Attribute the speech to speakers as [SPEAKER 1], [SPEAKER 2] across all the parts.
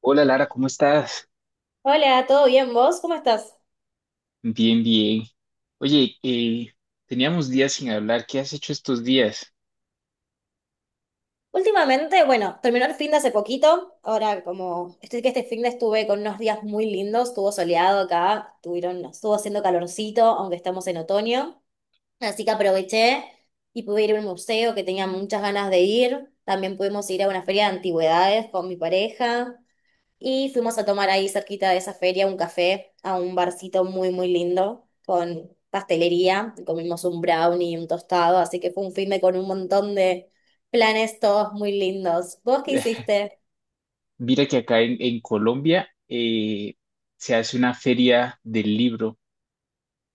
[SPEAKER 1] Hola Lara, ¿cómo estás?
[SPEAKER 2] Hola, ¿todo bien vos? ¿Cómo estás?
[SPEAKER 1] Bien, bien. Oye, teníamos días sin hablar. ¿Qué has hecho estos días?
[SPEAKER 2] Últimamente, bueno, terminó el fin de hace poquito. Ahora, como estoy que este fin de estuve con unos días muy lindos, estuvo soleado acá, tuvieron, estuvo haciendo calorcito, aunque estamos en otoño. Así que aproveché y pude ir a un museo que tenía muchas ganas de ir. También pudimos ir a una feria de antigüedades con mi pareja. Y fuimos a tomar ahí cerquita de esa feria un café a un barcito muy, muy lindo con pastelería. Y comimos un brownie y un tostado, así que fue un fin de con un montón de planes todos muy lindos. ¿Vos qué
[SPEAKER 1] Eh,
[SPEAKER 2] hiciste?
[SPEAKER 1] Mira que acá en Colombia, se hace una feria del libro.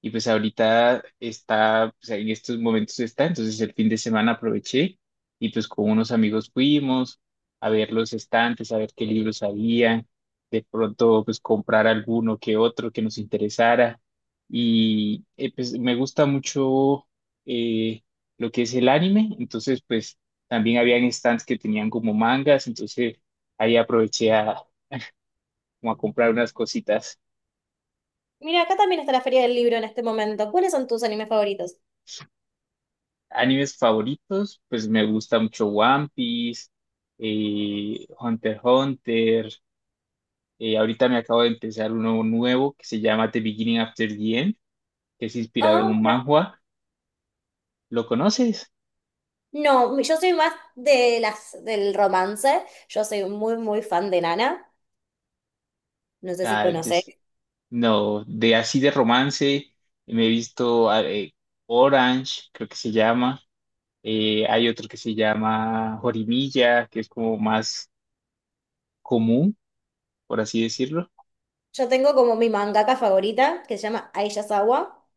[SPEAKER 1] Y pues ahorita está, pues en estos momentos está, entonces el fin de semana aproveché y pues con unos amigos fuimos a ver los estantes, a ver qué libros había, de pronto pues comprar alguno que otro que nos interesara. Y pues me gusta mucho eh, lo que es el anime, entonces pues también habían stands que tenían como mangas, entonces ahí aproveché a, como a comprar unas cositas.
[SPEAKER 2] Mira, acá también está la Feria del Libro en este momento. ¿Cuáles son tus animes favoritos?
[SPEAKER 1] Animes favoritos, pues me gusta mucho One Piece, Hunter x Hunter. Ahorita me acabo de empezar uno nuevo que se llama The Beginning After the End, que es inspirado en
[SPEAKER 2] Ah,
[SPEAKER 1] un
[SPEAKER 2] mira.
[SPEAKER 1] manhwa. ¿Lo conoces?
[SPEAKER 2] No, yo soy más de las, del romance. Yo soy muy, muy fan de Nana. No sé si
[SPEAKER 1] Ah,
[SPEAKER 2] conoces.
[SPEAKER 1] no, de así de romance. Me he visto Orange, creo que se llama. Hay otro que se llama Horimiya, que es como más común, por así decirlo.
[SPEAKER 2] Yo tengo como mi mangaka favorita, que se llama Aisha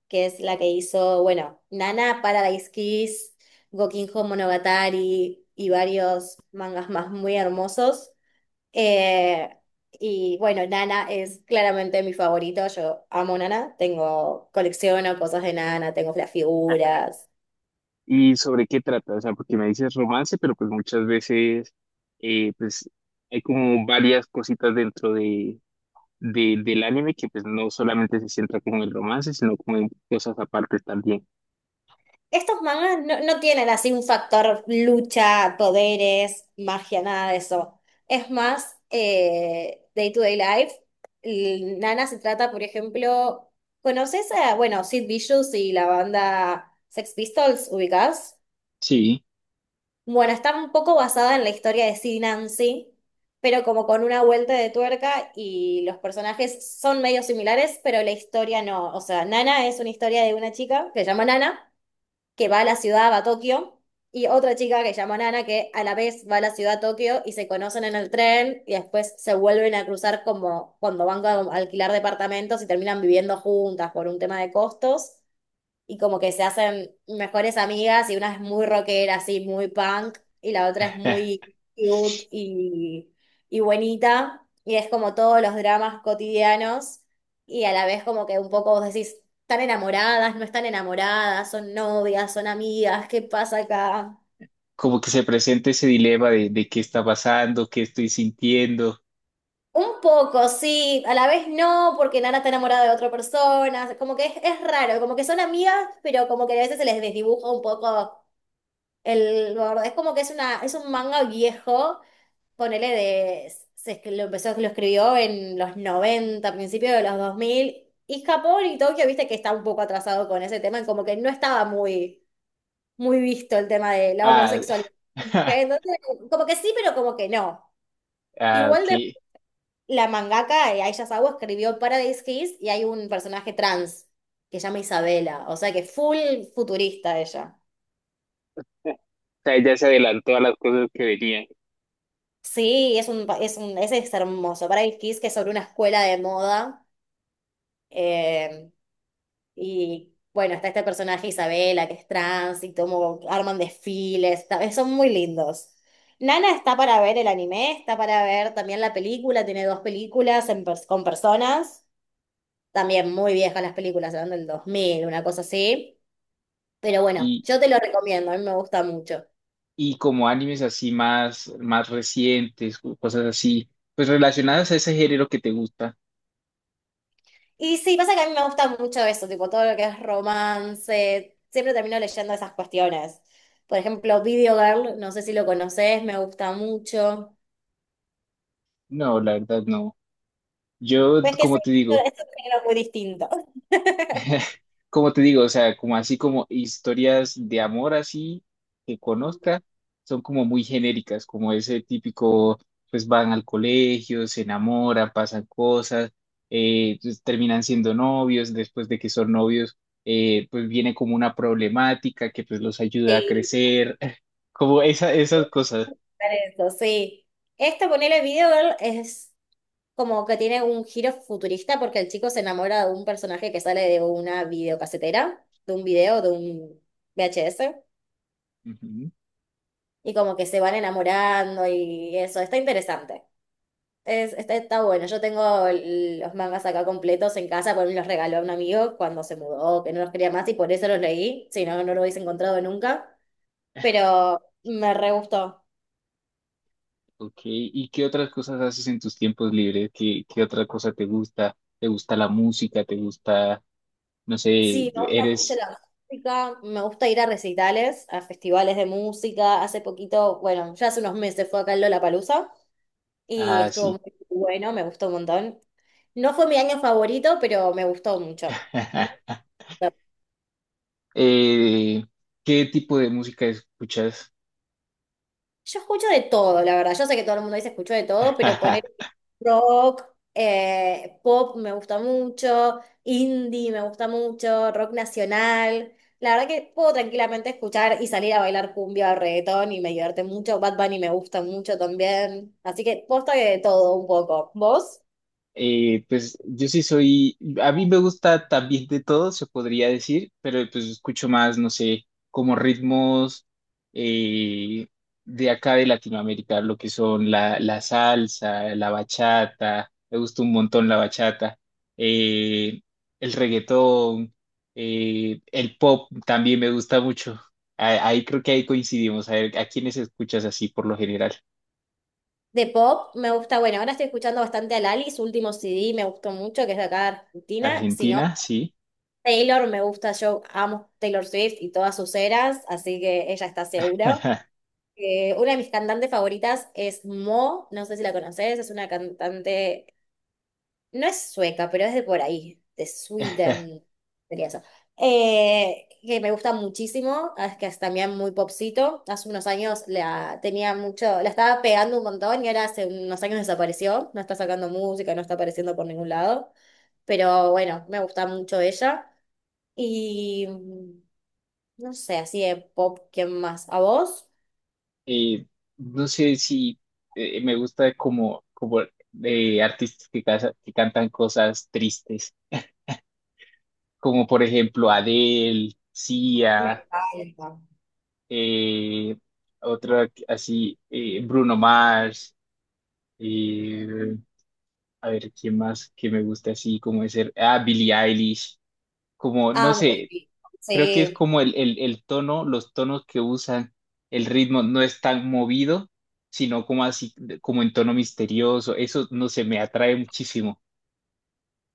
[SPEAKER 2] que es la que hizo, bueno, Nana, Paradise Kiss, Gokinjo Monogatari y varios mangas más muy hermosos. Eh, y bueno, Nana es claramente mi favorito. Yo amo Nana. Tengo, colecciono cosas de Nana, tengo las figuras.
[SPEAKER 1] ¿Y sobre qué trata? O sea, porque me dices romance, pero pues muchas veces, pues hay como varias cositas dentro de, del anime que pues no solamente se centra como en el romance, sino como en cosas aparte también.
[SPEAKER 2] Estos mangas no, no tienen así un factor lucha, poderes, magia, nada de eso. Es más, day to day life. Nana se trata, por ejemplo, ¿conoces a, bueno, Sid Vicious y la banda Sex Pistols, ubicás?
[SPEAKER 1] Sí,
[SPEAKER 2] Bueno, está un poco basada en la historia de Sid y Nancy, pero como con una vuelta de tuerca y los personajes son medio similares, pero la historia no. O sea, Nana es una historia de una chica que se llama Nana que va a la ciudad, va a Tokio, y otra chica que se llama Nana, que a la vez va a la ciudad a Tokio y se conocen en el tren y después se vuelven a cruzar como cuando van a alquilar departamentos y terminan viviendo juntas por un tema de costos y como que se hacen mejores amigas y una es muy rockera, así, muy punk, y la otra es
[SPEAKER 1] eh,
[SPEAKER 2] muy cute y, buenita, y es como todos los dramas cotidianos, y a la vez como que un poco vos decís, están enamoradas, no están enamoradas, son novias, son amigas, ¿qué pasa acá?
[SPEAKER 1] como que se presenta ese dilema de qué está pasando, qué estoy sintiendo.
[SPEAKER 2] Un poco, sí, a la vez no, porque Nana está enamorada de otra persona, como que es raro, como que son amigas, pero como que a veces se les desdibuja un poco. El gordo, es como que es una, es un manga viejo, ponele de, lo empezó, lo escribió en los 90 principios de los 2000 y Japón y Tokio, viste que está un poco atrasado con ese tema, y como que no estaba muy, muy visto el tema de la
[SPEAKER 1] Ah.
[SPEAKER 2] homosexualidad. Entonces, como que sí, pero como que no.
[SPEAKER 1] Ah,
[SPEAKER 2] Igual
[SPEAKER 1] ok.
[SPEAKER 2] de la mangaka Aisha Sawa escribió Paradise Kiss y hay un personaje trans que se llama Isabela, o sea que full futurista ella.
[SPEAKER 1] O sea, ella se adelantó a las cosas que venían.
[SPEAKER 2] Sí, es un, es un, ese es hermoso. Paradise Kiss, que es sobre una escuela de moda. eh, y bueno, está este personaje Isabela, que es trans, y como arman desfiles. Son muy lindos. Nana está para ver el anime, está para ver también la película. Tiene dos películas con personas. También muy viejas las películas, eran del 2000 una cosa así. Pero bueno, yo te lo recomiendo, a mí me gusta mucho.
[SPEAKER 1] Y como animes así más, más recientes, o cosas así, pues relacionadas a ese género que te gusta.
[SPEAKER 2] Y sí, pasa que a mí me gusta mucho eso, tipo todo lo que es romance. Siempre termino leyendo esas cuestiones. Por ejemplo, Video Girl, no sé si lo conoces, me gusta mucho.
[SPEAKER 1] No, la verdad no. Yo,
[SPEAKER 2] Pues que sí,
[SPEAKER 1] como te
[SPEAKER 2] esto
[SPEAKER 1] digo,
[SPEAKER 2] esto es un género muy distinto.
[SPEAKER 1] como te digo, o sea, como así como historias de amor así que conozca, son como muy genéricas, como ese típico, pues van al colegio, se enamoran, pasan cosas, terminan siendo novios, después de que son novios, pues viene como una problemática que pues los ayuda a
[SPEAKER 2] Sí,
[SPEAKER 1] crecer, como esa, esas cosas.
[SPEAKER 2] por eso, sí. Este, ponele Video Girl, es como que tiene un giro futurista porque el chico se enamora de un personaje que sale de una videocasetera, de un video, de un VHS,
[SPEAKER 1] Ujú.
[SPEAKER 2] y como que se van enamorando y eso, está interesante. Está bueno. Yo tengo los mangas acá completos en casa, porque me los regaló un amigo cuando se mudó, que no los quería más y por eso los leí. Si no, no lo hubiese encontrado nunca. Pero me re gustó.
[SPEAKER 1] Ok, ¿y qué otras cosas haces en tus tiempos libres? ¿Qué, qué otra cosa te gusta? ¿Te gusta la música? ¿Te gusta, no sé,
[SPEAKER 2] Sí, me gusta mucho
[SPEAKER 1] eres
[SPEAKER 2] la música. Me gusta ir a recitales, a festivales de música. Hace poquito, bueno, ya hace unos meses fue acá el Lollapalooza y estuvo
[SPEAKER 1] así?
[SPEAKER 2] muy bueno, me gustó un montón. No fue mi año favorito, pero me gustó mucho.
[SPEAKER 1] Eh, ¿Qué tipo de música escuchas?
[SPEAKER 2] Yo escucho de todo, la verdad. Yo sé que todo el mundo dice escucho de todo, pero poner rock, pop me gusta mucho, indie me gusta mucho, rock nacional. La verdad que puedo tranquilamente escuchar y salir a bailar cumbia o reggaetón y me divierte mucho. Bad Bunny me gusta mucho también. Así que posta que de todo un poco. ¿Vos?
[SPEAKER 1] Pues yo sí soy, a mí me gusta también de todo, se podría decir, pero pues escucho más, no sé, como ritmos, eh, de acá de Latinoamérica, lo que son la, la salsa, la bachata, me gusta un montón la bachata, eh, el reggaetón, el pop también me gusta mucho. Ahí creo que ahí coincidimos, a ver, ¿a quiénes escuchas así por lo general?
[SPEAKER 2] De pop me gusta, bueno, ahora estoy escuchando bastante a Lali, su último CD me gustó mucho, que es de acá de Argentina. Si no,
[SPEAKER 1] Argentina, sí.
[SPEAKER 2] Taylor me gusta, yo amo Taylor Swift y todas sus eras, así que ella está segura. Una de mis cantantes favoritas es Mo, no sé si la conoces, es una cantante, no es sueca, pero es de por ahí, de Sweden, sería eso. Que me gusta muchísimo, ah, es que es también muy popcito. Hace unos años la tenía mucho, la estaba pegando un montón y ahora hace unos años desapareció, no está sacando música, no está apareciendo por ningún lado, pero bueno, me gusta mucho ella. Y no sé, así de pop, ¿quién más? ¿A vos?
[SPEAKER 1] eh, no sé si, me gusta como, como, artistas que, que cantan cosas tristes, como por ejemplo Adele,
[SPEAKER 2] Me
[SPEAKER 1] Sia,
[SPEAKER 2] encanta.
[SPEAKER 1] eh, otra así, Bruno Mars, eh, a ver, ¿quién más que me gusta así? Como ser, ah, Billie Eilish, como, no
[SPEAKER 2] Amo
[SPEAKER 1] sé.
[SPEAKER 2] Billie.
[SPEAKER 1] Creo que es
[SPEAKER 2] Sí.
[SPEAKER 1] como el tono, los tonos que usan, el ritmo no es tan movido, sino como así, como en tono misterioso. Eso no sé, me atrae muchísimo.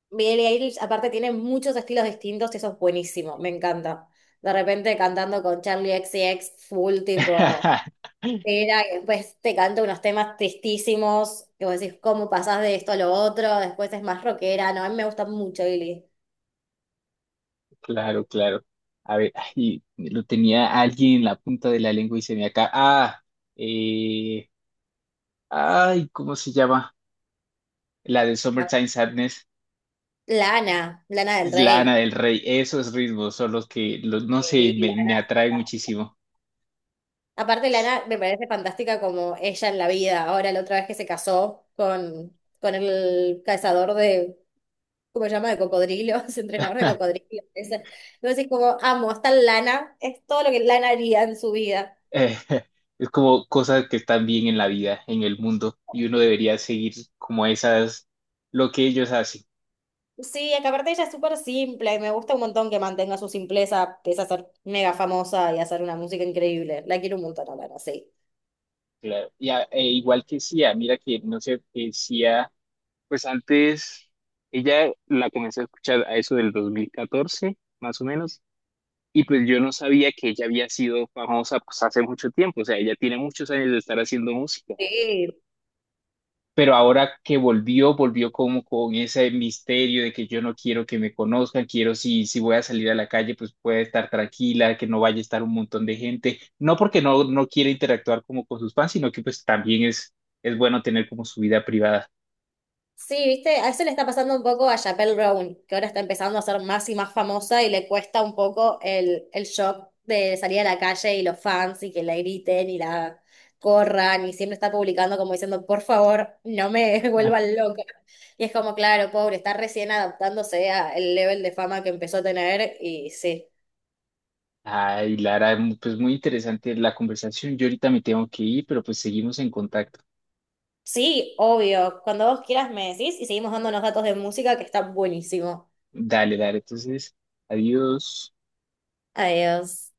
[SPEAKER 2] Billie Eilish, aparte, tiene muchos estilos distintos y eso es buenísimo. Me encanta. De repente cantando con Charlie XCX full tipo. Era, y después te canta unos temas tristísimos, que vos decís, ¿cómo pasás de esto a lo otro? Después es más rockera, no, a mí me gusta mucho Billie.
[SPEAKER 1] Claro, claro. A ver, ay, lo tenía alguien en la punta de la lengua y se me acá. Ah, eh, ay, ¿cómo se llama? La de
[SPEAKER 2] Ah,
[SPEAKER 1] Summertime Sadness,
[SPEAKER 2] Lana, Lana del
[SPEAKER 1] Lana
[SPEAKER 2] Rey.
[SPEAKER 1] del Rey. Esos ritmos son los que, los, no sé,
[SPEAKER 2] Sí,
[SPEAKER 1] me
[SPEAKER 2] Lana,
[SPEAKER 1] atraen muchísimo.
[SPEAKER 2] aparte, Lana me parece fantástica como ella en la vida. Ahora, la otra vez que se casó con el cazador de, ¿cómo se llama? De cocodrilos, entrenador de cocodrilos. Ese. Entonces, como amo, está Lana, es todo lo que Lana haría en su vida.
[SPEAKER 1] eh, es como cosas que están bien en la vida, en el mundo, y uno debería seguir como esas, lo que ellos hacen.
[SPEAKER 2] Sí, acá aparte ella es súper simple y me gusta un montón que mantenga su simpleza, pese a ser mega famosa y hacer una música increíble. La quiero un montón a Lana, sí.
[SPEAKER 1] Claro. Y a e igual que Sia, mira que no sé, que Sia, pues antes ella la comencé a escuchar a eso del 2014 más o menos, y pues yo no sabía que ella había sido famosa pues hace mucho tiempo, o sea, ella tiene muchos años de estar haciendo música.
[SPEAKER 2] Sí,
[SPEAKER 1] Pero ahora que volvió, volvió como con ese misterio de que yo no quiero que me conozcan, quiero si, si voy a salir a la calle, pues pueda estar tranquila, que no vaya a estar un montón de gente, no porque no, no quiera interactuar como con sus fans, sino que pues también es bueno tener como su vida privada.
[SPEAKER 2] sí, viste, a eso le está pasando un poco a Chappelle Brown, que ahora está empezando a ser más y más famosa y le cuesta un poco el shock de salir a la calle y los fans y que la griten y la corran y siempre está publicando como diciendo, por favor, no me vuelvan loca. Y es como, claro, pobre, está recién adaptándose al level de fama que empezó a tener y sí.
[SPEAKER 1] Ay, Lara, pues muy interesante la conversación. Yo ahorita me tengo que ir, pero pues seguimos en contacto.
[SPEAKER 2] Sí, obvio, cuando vos quieras me decís y seguimos dándonos datos de música que está buenísimo.
[SPEAKER 1] Dale, dale, entonces, adiós.
[SPEAKER 2] Adiós.